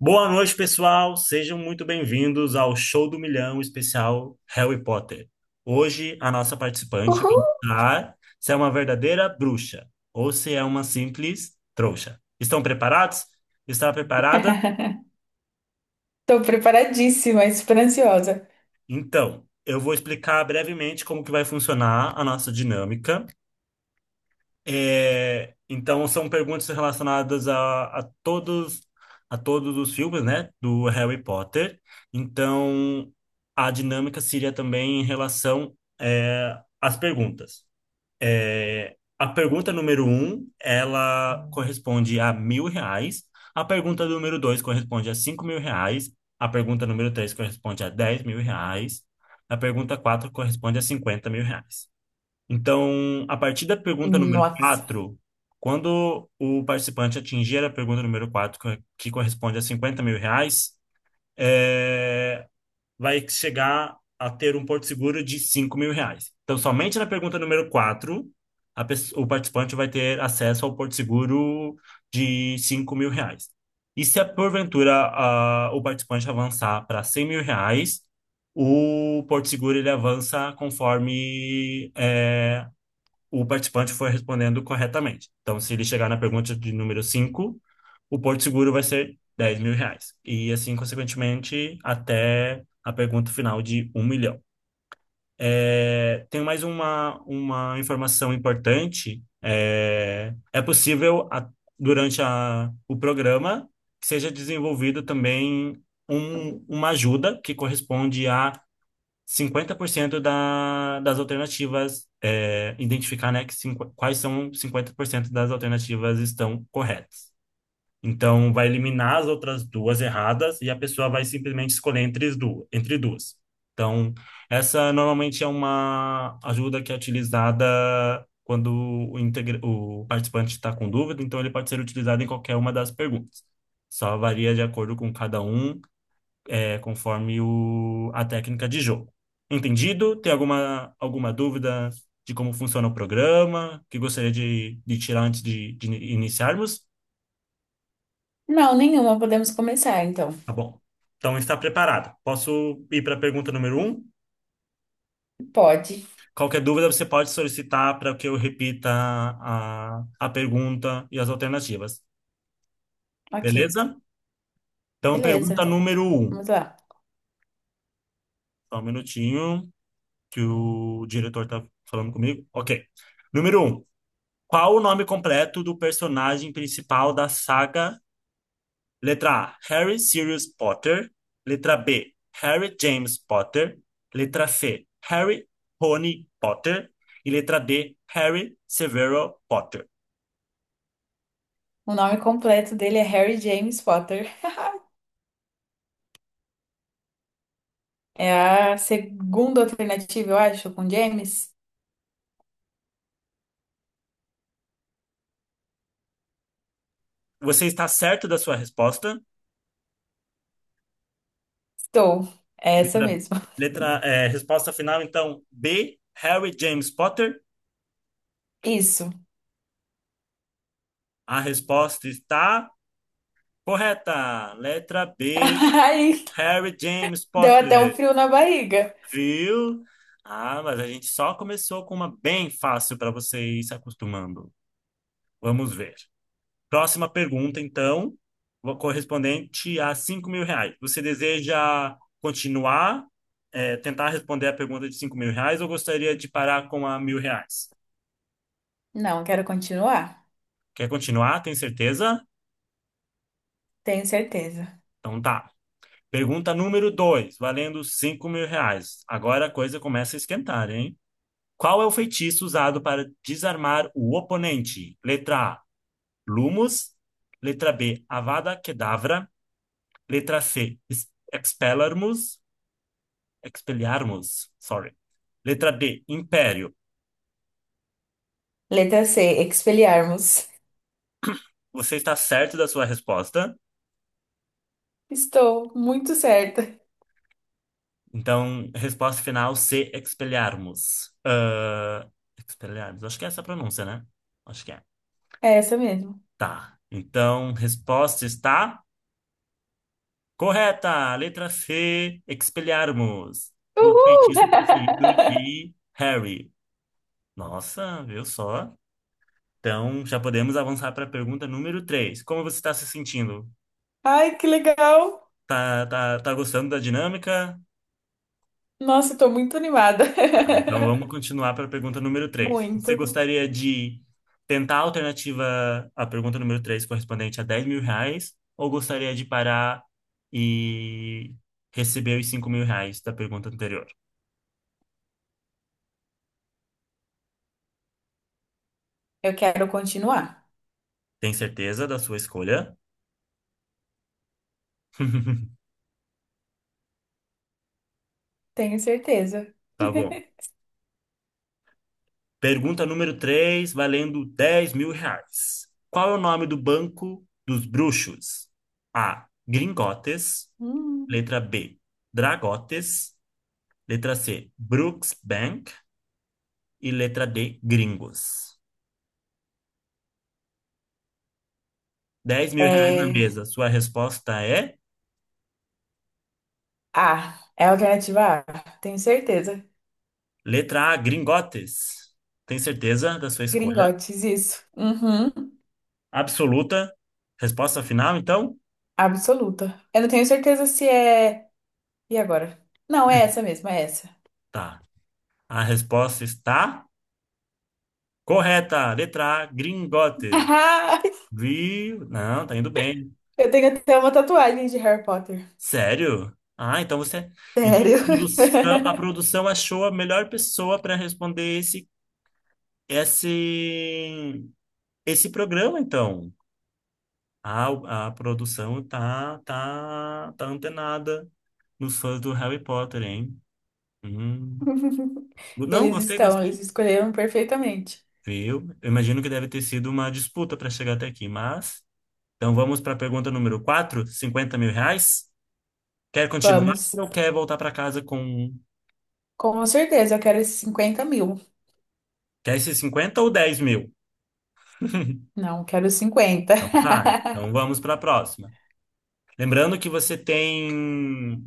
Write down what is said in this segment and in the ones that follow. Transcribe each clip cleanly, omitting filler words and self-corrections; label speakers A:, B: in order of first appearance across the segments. A: Boa noite, pessoal. Sejam muito bem-vindos ao Show do Milhão especial Harry Potter. Hoje, a nossa participante vai
B: Uhul!
A: entrar se é uma verdadeira bruxa ou se é uma simples trouxa. Estão preparados? Está preparada?
B: Tô preparadíssima, ansiosa.
A: Então, eu vou explicar brevemente como que vai funcionar a nossa dinâmica. Então são perguntas relacionadas a todos os filmes, né, do Harry Potter. Então, a dinâmica seria também em relação às perguntas. A pergunta número um, ela corresponde a R$ 1.000. A pergunta número dois corresponde a R$ 5.000. A pergunta número três corresponde a R$ 10.000. A pergunta quatro corresponde a R$ 50.000. Então, a partir da pergunta número
B: Nossa.
A: 4, quando o participante atingir a pergunta número 4, que corresponde a R$ 50.000, é, vai chegar a ter um porto seguro de R$ 5.000. Então, somente na pergunta número 4, o participante vai ter acesso ao porto seguro de R$ 5.000. E se, porventura, o participante avançar para R$ 100.000, o porto seguro ele avança conforme o participante for respondendo corretamente. Então, se ele chegar na pergunta de número 5, o Porto Seguro vai ser R$ 10.000. E assim, consequentemente, até a pergunta final de um milhão. Tem mais uma informação importante. É possível, durante o programa, que seja desenvolvido também uma ajuda que corresponde a 50% das alternativas, identificar, né, que quais são 50% das alternativas estão corretas. Então, vai eliminar as outras duas erradas e a pessoa vai simplesmente escolher entre as duas. Então, essa normalmente é uma ajuda que é utilizada quando o participante está com dúvida, então ele pode ser utilizado em qualquer uma das perguntas. Só varia de acordo com cada um conforme a técnica de jogo. Entendido? Tem alguma dúvida de como funciona o programa que gostaria de tirar antes de iniciarmos?
B: Não, nenhuma. Podemos começar, então.
A: Tá bom. Então está preparado. Posso ir para a pergunta número um?
B: Pode.
A: Qualquer dúvida você pode solicitar para que eu repita a pergunta e as alternativas.
B: Ok.
A: Beleza? Então, pergunta
B: Beleza.
A: número um.
B: Vamos lá.
A: Só um minutinho que o diretor está falando comigo. Ok. Número um. Qual o nome completo do personagem principal da saga? Letra A, Harry Sirius Potter. Letra B, Harry James Potter. Letra C, Harry Rony Potter. E letra D, Harry Severo Potter.
B: O nome completo dele é Harry James Potter. É a segunda alternativa, eu acho, com James.
A: Você está certo da sua resposta?
B: Estou. É essa
A: Letra,
B: mesmo.
A: letra, resposta final, então, B, Harry James Potter.
B: Isso.
A: A resposta está correta. Letra B,
B: Ai,
A: Harry James
B: deu até um
A: Potter.
B: frio na barriga.
A: Viu? Ah, mas a gente só começou com uma bem fácil para você ir se acostumando. Vamos ver. Próxima pergunta, então, correspondente a R$ 5.000. Você deseja continuar, tentar responder a pergunta de R$ 5.000 ou gostaria de parar com a R$ 1.000?
B: Não, quero continuar.
A: Quer continuar? Tem certeza?
B: Tenho certeza.
A: Então tá. Pergunta número dois, valendo R$ 5.000. Agora a coisa começa a esquentar, hein? Qual é o feitiço usado para desarmar o oponente? Letra A, Lumus. Letra B, Avada Kedavra. Letra C, Expelliarmus. Expelliarmus, sorry. Letra D, Império.
B: Letra C, Expelliarmus.
A: Você está certo da sua resposta.
B: Estou muito certa.
A: Então, resposta final C, Expelliarmus. Ah, Expelliarmus, acho que é essa a pronúncia, né? Acho que é.
B: É essa mesmo.
A: Tá. Então, resposta está correta. Letra C, Expelliarmus. O
B: Uhul!
A: feitiço preferido de Harry. Nossa, viu só? Então, já podemos avançar para a pergunta número 3. Como você está se sentindo?
B: Ai, que legal!
A: Tá, gostando da dinâmica?
B: Nossa, estou muito animada.
A: Ah, vamos continuar para a pergunta número 3.
B: Muito.
A: Você gostaria de tentar a alternativa à pergunta número 3 correspondente a R$ 10.000, ou gostaria de parar e receber os R$ 5.000 da pergunta anterior?
B: Eu quero continuar,
A: Tem certeza da sua escolha?
B: tenho certeza.
A: Tá bom. Pergunta número 3, valendo R$ 10.000. Qual é o nome do banco dos bruxos? A, Gringotes.
B: Hum.
A: Letra B, Dragotes. Letra C, Brooks Bank. E letra D, Gringos. R$ 10.000 na
B: É.
A: mesa. Sua resposta é
B: A. É a alternativa A, tenho certeza.
A: letra A, Gringotes. Tem certeza da sua escolha?
B: Gringotes, isso. Uhum.
A: Absoluta. Resposta final, então?
B: Absoluta. Eu não tenho certeza se é. E agora? Não, é essa mesmo, é essa.
A: Tá. A resposta está correta. Letra A, Gringotes. Viu? Não, tá indo bem.
B: Eu tenho até uma tatuagem de Harry Potter.
A: Sério? Ah, então você. Então,
B: Sério.
A: a produção achou a melhor pessoa para responder esse, esse programa, então. A produção tá antenada nos fãs do Harry Potter, hein? Hum. Não,
B: Eles
A: gostei,
B: estão,
A: gostei.
B: eles escolheram perfeitamente.
A: Viu? Eu imagino que deve ter sido uma disputa para chegar até aqui, mas. Então, vamos para a pergunta número 4, R$ 50.000? Quer continuar
B: Vamos.
A: ou quer voltar para casa com
B: Com certeza, eu quero esses 50 mil.
A: Quer esses 50 ou 10 mil?
B: Não, quero os 50 mil.
A: Então tá, então vamos para a próxima. Lembrando que você tem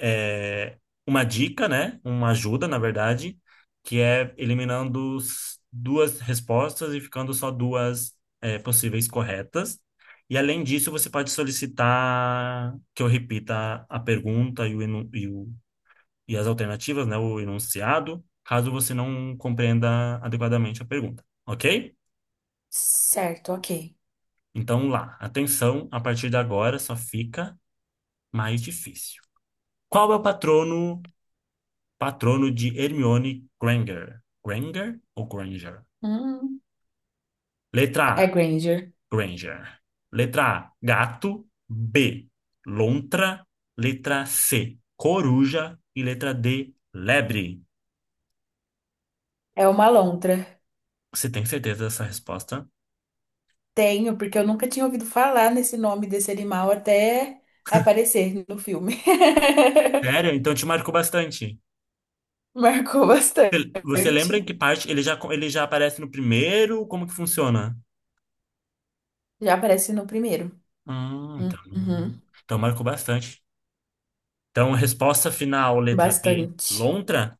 A: é, uma dica, né? Uma ajuda, na verdade, que é eliminando duas respostas e ficando só duas possíveis corretas. E além disso, você pode solicitar que eu repita a pergunta e as alternativas, né? O enunciado, caso você não compreenda adequadamente a pergunta, ok?
B: Certo, ok.
A: Então lá, atenção, a partir de agora só fica mais difícil. Qual é o patrono de Hermione Granger? Granger ou Granger?
B: Hum,
A: Letra
B: é
A: A,
B: Granger.
A: Granger. Letra A, gato. B, lontra. Letra C, coruja. E letra D, lebre.
B: É uma lontra.
A: Você tem certeza dessa resposta?
B: Tenho, porque eu nunca tinha ouvido falar nesse nome desse animal até aparecer no filme.
A: Sério? Então te marcou bastante.
B: Marcou bastante.
A: Você lembra em que parte ele já aparece no primeiro? Como que funciona?
B: Já aparece no primeiro.
A: Hum, então,
B: Uhum,
A: então marcou bastante. Então, resposta final, letra B,
B: bastante.
A: lontra.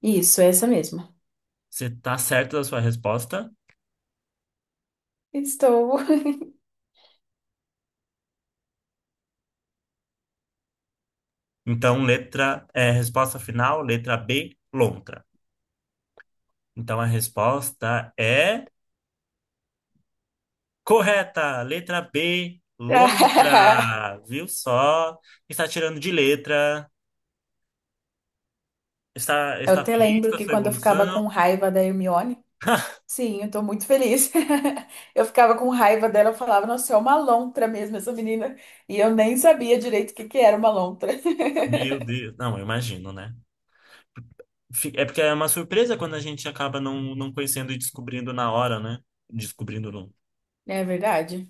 B: Isso, é essa mesmo.
A: Você tá certo da sua resposta?
B: Estou.
A: Então, letra, resposta final, letra B, lontra. Então, a resposta é correta, letra B, lontra. Viu só? Está tirando de letra. Está,
B: Eu
A: está
B: até
A: feliz com
B: lembro
A: a
B: que
A: sua
B: quando eu ficava
A: evolução?
B: com raiva da Hermione, sim, eu tô muito feliz. Eu ficava com raiva dela, eu falava, nossa, é uma lontra mesmo essa menina. E eu nem sabia direito o que era uma lontra.
A: Meu Deus, não, eu imagino, né? fi- É porque é uma surpresa quando a gente acaba não conhecendo e descobrindo na hora, né? Descobrindo não.
B: É verdade.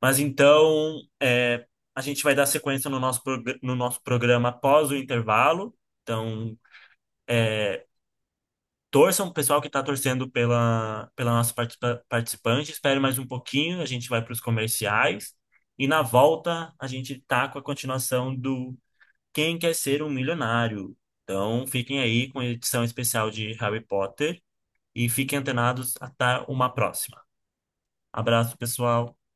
A: Mas então, a gente vai dar sequência no nosso, prog- no nosso programa após o intervalo. Então, é, torçam, o pessoal que está torcendo pela nossa participante. Espere mais um pouquinho, a gente vai para os comerciais. E na volta, a gente tá com a continuação do Quem Quer Ser um Milionário. Então, fiquem aí com a edição especial de Harry Potter. E fiquem antenados até uma próxima. Abraço, pessoal.